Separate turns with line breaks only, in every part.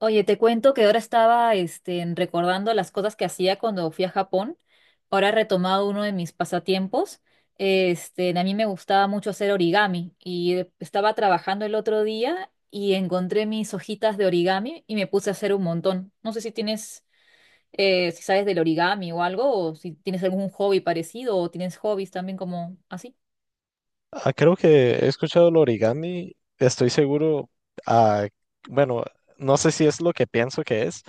Oye, te cuento que ahora estaba recordando las cosas que hacía cuando fui a Japón. Ahora he retomado uno de mis pasatiempos. A mí me gustaba mucho hacer origami y estaba trabajando el otro día y encontré mis hojitas de origami y me puse a hacer un montón. No sé si tienes, si ¿sabes del origami o algo, o si tienes algún hobby parecido o tienes hobbies también como así?
Ah, creo que he escuchado el origami, estoy seguro, ah, bueno, no sé si es lo que pienso que es,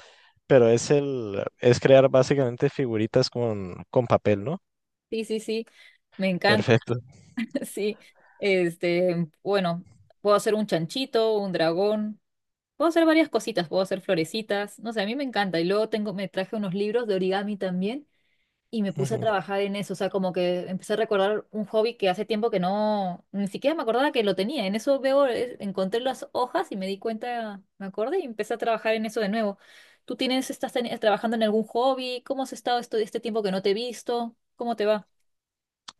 pero es crear básicamente figuritas con papel, ¿no?
Sí, sí, sí, me encanta.
Perfecto.
Sí, bueno, puedo hacer un chanchito, un dragón. Puedo hacer varias cositas, puedo hacer florecitas, no sé, a mí me encanta. Y luego tengo, me traje unos libros de origami también y me puse a
Ujú.
trabajar en eso, o sea, como que empecé a recordar un hobby que hace tiempo que no, ni siquiera me acordaba que lo tenía. En eso veo, encontré las hojas y me di cuenta, me acordé y empecé a trabajar en eso de nuevo. ¿Tú tienes, estás teni- trabajando en algún hobby? ¿Cómo has estado este tiempo que no te he visto? ¿Cómo te va?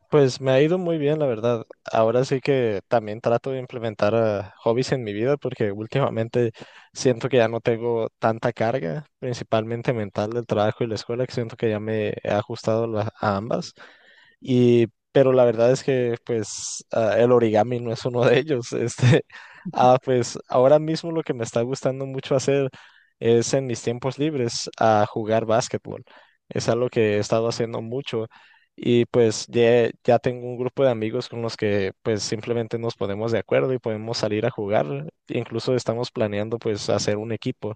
Pues me ha ido muy bien, la verdad. Ahora sí que también trato de implementar hobbies en mi vida porque últimamente siento que ya no tengo tanta carga, principalmente mental del trabajo y la escuela, que siento que ya me he ajustado a ambas. Y, pero la verdad es que pues el origami no es uno de ellos. Este, pues ahora mismo lo que me está gustando mucho hacer es en mis tiempos libres a jugar básquetbol. Es algo que he estado haciendo mucho y pues ya tengo un grupo de amigos con los que pues simplemente nos ponemos de acuerdo y podemos salir a jugar. Incluso estamos planeando pues hacer un equipo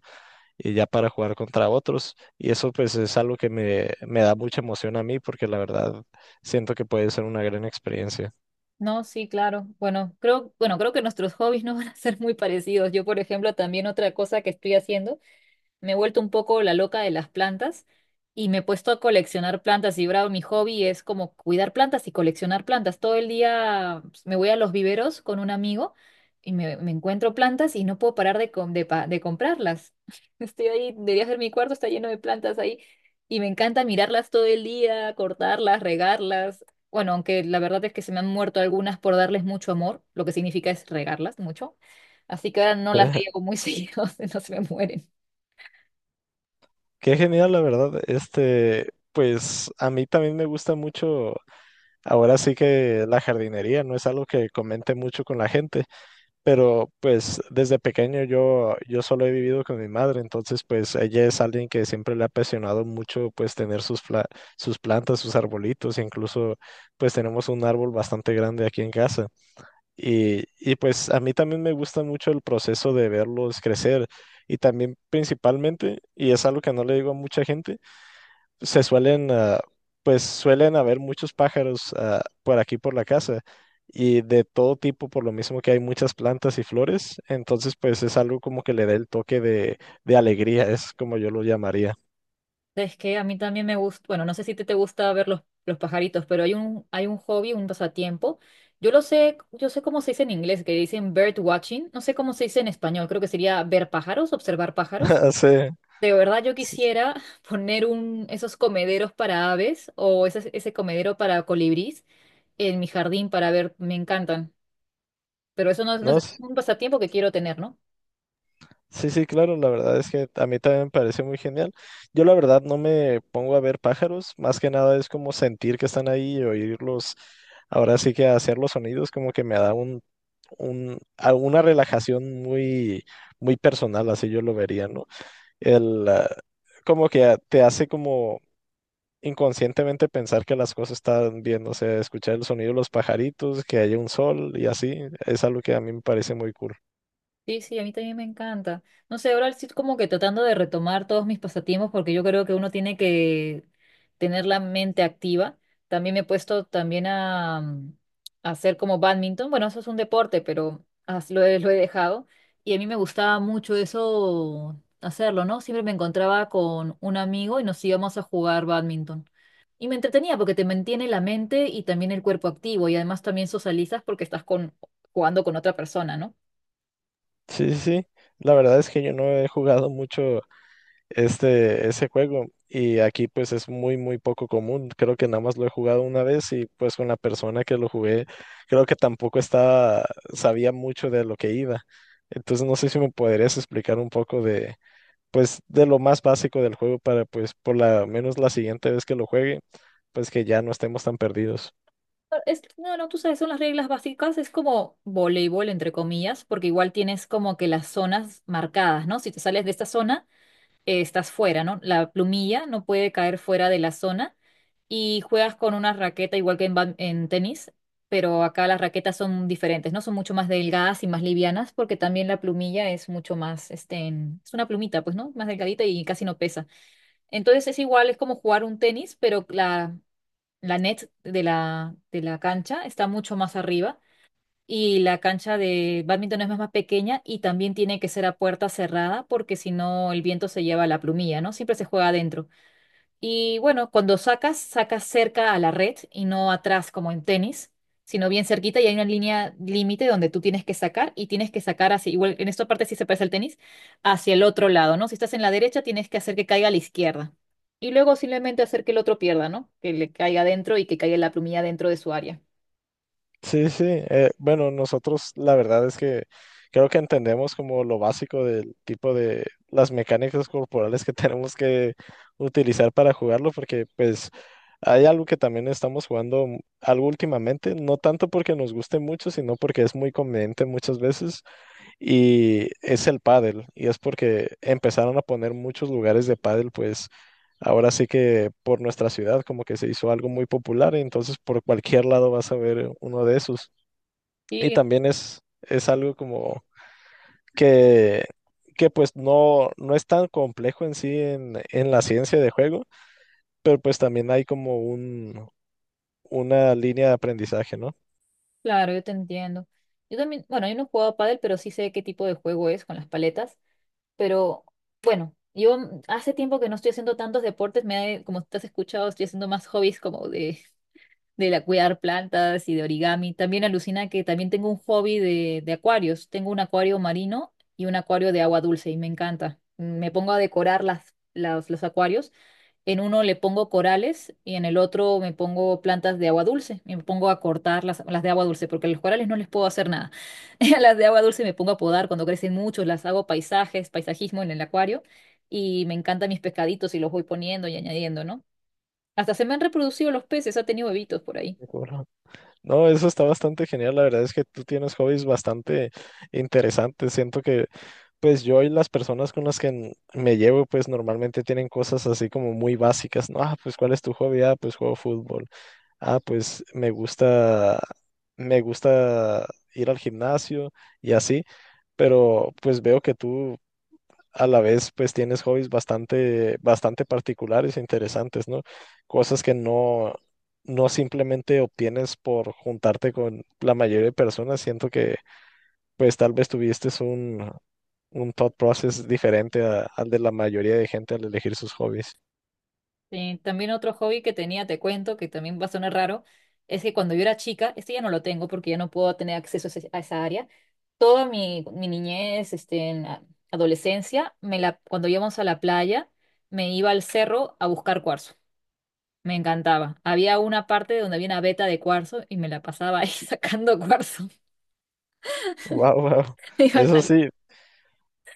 y ya para jugar contra otros. Y eso pues es algo que me da mucha emoción a mí porque la verdad siento que puede ser una gran experiencia.
No, sí, claro. Bueno, creo que nuestros hobbies no van a ser muy parecidos. Yo, por ejemplo, también otra cosa que estoy haciendo. Me he vuelto un poco la loca de las plantas y me he puesto a coleccionar plantas. Y bravo, mi hobby es como cuidar plantas y coleccionar plantas. Todo el día pues, me voy a los viveros con un amigo y me encuentro plantas y no puedo parar de comprarlas. Estoy ahí, debería ser mi cuarto, está lleno de plantas ahí. Y me encanta mirarlas todo el día, cortarlas, regarlas. Bueno, aunque la verdad es que se me han muerto algunas por darles mucho amor, lo que significa es regarlas mucho. Así que ahora no las riego muy seguido, no se me mueren.
Qué genial, la verdad. Este, pues a mí también me gusta mucho, ahora sí que la jardinería no es algo que comente mucho con la gente, pero pues desde pequeño yo solo he vivido con mi madre, entonces pues ella es alguien que siempre le ha apasionado mucho pues tener sus, sus plantas, sus arbolitos, incluso pues tenemos un árbol bastante grande aquí en casa. Y pues a mí también me gusta mucho el proceso de verlos crecer y también principalmente, y es algo que no le digo a mucha gente, se pues suelen haber muchos pájaros por aquí, por la casa, y de todo tipo, por lo mismo que hay muchas plantas y flores, entonces pues es algo como que le da el toque de alegría, es como yo lo llamaría.
Es que a mí también me gusta, bueno, no sé si te, te gusta ver los pajaritos, pero hay un hobby, un pasatiempo. Yo lo sé, yo sé cómo se dice en inglés, que dicen bird watching, no sé cómo se dice en español, creo que sería ver pájaros, observar pájaros.
Sí,
De verdad yo quisiera poner un, esos comederos para aves o ese comedero para colibrís en mi jardín para ver, me encantan. Pero eso no
no,
es un pasatiempo que quiero tener, ¿no?
sí, sí, claro, la verdad es que a mí también me parece muy genial. Yo la verdad no me pongo a ver pájaros, más que nada es como sentir que están ahí y oírlos. Ahora sí que hacer los sonidos como que me da un, alguna relajación muy personal, así yo lo vería, ¿no? El, ah, como que te hace como inconscientemente pensar que las cosas están bien, o sea, escuchar el sonido de los pajaritos, que haya un sol y así, es algo que a mí me parece muy cool.
Sí, sí, a mí también me encanta. No sé, ahora estoy como que tratando de retomar todos mis pasatiempos porque yo creo que uno tiene que tener la mente activa. También me he puesto también a hacer como bádminton. Bueno, eso es un deporte, pero lo he dejado. Y a mí me gustaba mucho eso, hacerlo, ¿no? Siempre me encontraba con un amigo y nos íbamos a jugar bádminton. Y me entretenía porque te mantiene la mente y también el cuerpo activo y además también socializas porque jugando con otra persona, ¿no?
Sí, sí, sí. La verdad es que yo no he jugado mucho este, ese juego. Y aquí pues es muy poco común. Creo que nada más lo he jugado una vez y pues con la persona que lo jugué, creo que tampoco estaba, sabía mucho de lo que iba. Entonces no sé si me podrías explicar un poco de, pues, de lo más básico del juego para pues por la menos la siguiente vez que lo juegue, pues que ya no estemos tan perdidos.
Es, no, no, tú sabes, son las reglas básicas, es como voleibol, entre comillas, porque igual tienes como que las zonas marcadas, ¿no? Si te sales de esta zona, estás fuera, ¿no? La plumilla no puede caer fuera de la zona y juegas con una raqueta igual que en tenis, pero acá las raquetas son diferentes, ¿no? Son mucho más delgadas y más livianas porque también la plumilla es mucho más, es una plumita, pues, ¿no? Más delgadita y casi no pesa. Entonces es igual, es como jugar un tenis, pero la net de la cancha está mucho más arriba y la cancha de bádminton es más, más pequeña y también tiene que ser a puerta cerrada porque si no el viento se lleva la plumilla, ¿no? Siempre se juega adentro. Y bueno, cuando sacas, sacas cerca a la red y no atrás como en tenis, sino bien cerquita y hay una línea límite donde tú tienes que sacar y tienes que sacar hacia, igual en esta parte sí se parece al tenis, hacia el otro lado, ¿no? Si estás en la derecha, tienes que hacer que caiga a la izquierda. Y luego simplemente hacer que el otro pierda, ¿no? Que le caiga adentro y que caiga la plumilla dentro de su área.
Sí, sí. Bueno, nosotros la verdad es que creo que entendemos como lo básico del tipo de las mecánicas corporales que tenemos que utilizar para jugarlo, porque pues hay algo que también estamos jugando algo últimamente, no tanto porque nos guste mucho, sino porque es muy conveniente muchas veces y es el pádel, y es porque empezaron a poner muchos lugares de pádel, pues ahora sí que por nuestra ciudad como que se hizo algo muy popular, y entonces por cualquier lado vas a ver uno de esos. Y
Sí,
también es algo como que, que pues no es tan complejo en sí en la ciencia de juego, pero pues también hay como un, una línea de aprendizaje, ¿no?
claro, yo te entiendo. Yo también, bueno, yo no he jugado pádel, pero sí sé qué tipo de juego es con las paletas. Pero bueno, yo hace tiempo que no estoy haciendo tantos deportes, como te has escuchado, estoy haciendo más hobbies como de la cuidar plantas y de origami. También alucina que también tengo un hobby de acuarios. Tengo un acuario marino y un acuario de agua dulce y me encanta. Me pongo a decorar los acuarios. En uno le pongo corales y en el otro me pongo plantas de agua dulce. Y me pongo a cortar las de agua dulce porque a los corales no les puedo hacer nada. A las de agua dulce me pongo a podar cuando crecen mucho, las hago paisajes, paisajismo en el acuario y me encantan mis pescaditos y los voy poniendo y añadiendo, ¿no? Hasta se me han reproducido los peces, ha tenido bebitos por ahí.
De Corra. No, eso está bastante genial. La verdad es que tú tienes hobbies bastante interesantes. Siento que, pues yo y las personas con las que me llevo, pues normalmente tienen cosas así como muy básicas, ¿no? Ah, pues ¿cuál es tu hobby? Ah, pues juego fútbol. Ah, pues me gusta ir al gimnasio y así. Pero pues veo que tú a la vez pues tienes hobbies bastante particulares e interesantes, ¿no? Cosas que no simplemente obtienes por juntarte con la mayoría de personas. Siento que pues tal vez tuviste un thought process diferente al de la mayoría de gente al elegir sus hobbies.
Sí, también otro hobby que tenía, te cuento, que también va a sonar raro, es que cuando yo era chica, este ya no lo tengo porque ya no puedo tener acceso a a esa área. Toda mi niñez, en la adolescencia, cuando íbamos a la playa, me iba al cerro a buscar cuarzo. Me encantaba. Había una parte donde había una veta de cuarzo y me la pasaba ahí sacando cuarzo.
Wow, wow.
Iba
Eso sí,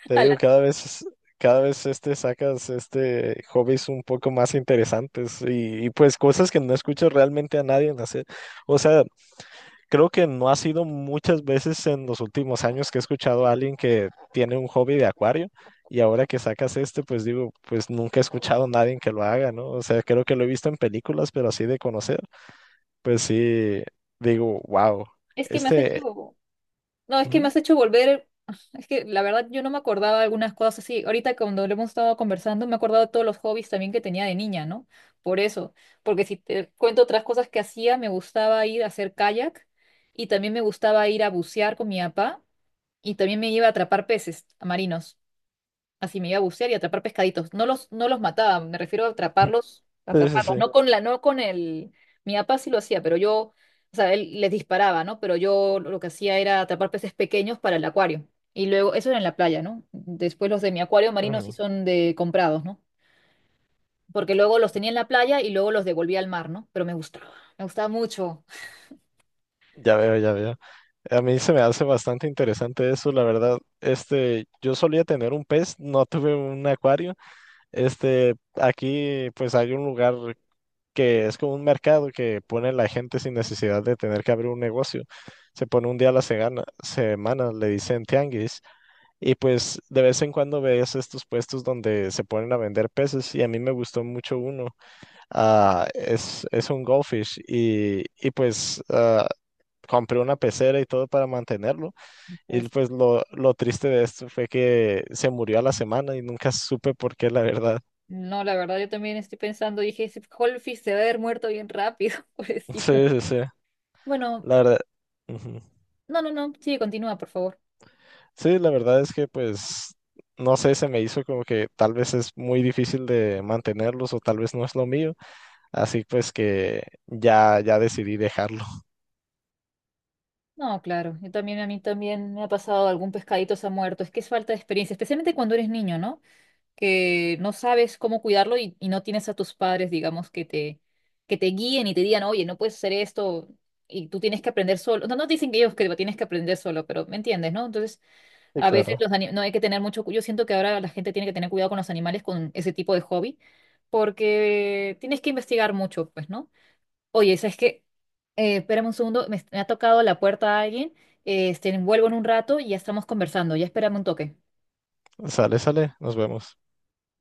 te
a
digo,
la-
cada vez este sacas este hobbies un poco más interesantes y pues cosas que no escucho realmente a nadie en hacer. O sea, creo que no ha sido muchas veces en los últimos años que he escuchado a alguien que tiene un hobby de acuario y ahora que sacas este, pues digo, pues nunca he escuchado a nadie que lo haga, ¿no? O sea, creo que lo he visto en películas, pero así de conocer, pues sí, digo, wow,
Es que me has
este...
hecho, no, es que me
Ujú.
has hecho volver, es que la verdad yo no me acordaba de algunas cosas así. Ahorita cuando lo hemos estado conversando me he acordado de todos los hobbies también que tenía de niña, ¿no? Por eso, porque si te cuento otras cosas que hacía, me gustaba ir a hacer kayak y también me gustaba ir a bucear con mi papá y también me iba a atrapar peces marinos. Así me iba a bucear y atrapar pescaditos. No los mataba, me refiero a atraparlos,
Sí, sí,
atraparlos.
sí.
No con el. Mi papá sí lo hacía, pero yo, o sea, él les disparaba, ¿no? Pero yo lo que hacía era atrapar peces pequeños para el acuario. Y luego, eso era en la playa, ¿no? Después los de mi acuario marino sí
Ujú.
son de comprados, ¿no? Porque luego los tenía en la playa y luego los devolvía al mar, ¿no? Pero me gustaba mucho.
Ya veo, ya veo. A mí se me hace bastante interesante eso, la verdad. Este, yo solía tener un pez, no tuve un acuario. Este, aquí pues hay un lugar que es como un mercado que pone la gente sin necesidad de tener que abrir un negocio. Se pone un día a la semana, le dicen tianguis, y pues de vez en cuando ves estos puestos donde se ponen a vender peces, y a mí me gustó mucho uno. Ah, es un goldfish, y pues compré una pecera y todo para mantenerlo. Y
Entonces,
pues lo triste de esto fue que se murió a la semana y nunca supe por qué, la verdad.
no, la verdad, yo también estoy pensando, dije, ese Holfish se va a haber muerto bien rápido, pobrecito.
Sí, sí, sí,
Bueno,
la verdad. Ujú.
no, no, no, sigue, continúa, por favor.
Sí, la verdad es que pues, no sé, se me hizo como que tal vez es muy difícil de mantenerlos o tal vez no es lo mío, así pues que ya decidí dejarlo.
No, claro. Yo también, a mí también me ha pasado algún pescadito se ha muerto. Es que es falta de experiencia, especialmente cuando eres niño, ¿no? Que no sabes cómo cuidarlo y no tienes a tus padres, digamos, que te guíen y te digan, oye, no puedes hacer esto y tú tienes que aprender solo. No, no dicen que ellos que lo tienes que aprender solo, pero me entiendes, ¿no? Entonces,
Y
a veces
claro,
no hay que tener mucho. Yo siento que ahora la gente tiene que tener cuidado con los animales con ese tipo de hobby porque tienes que investigar mucho, pues, ¿no? Oye, ¿sabes qué? Espérame un segundo, me ha tocado la puerta a alguien, vuelvo en un rato y ya estamos conversando, ya espérame un toque.
sale, sale, nos vemos.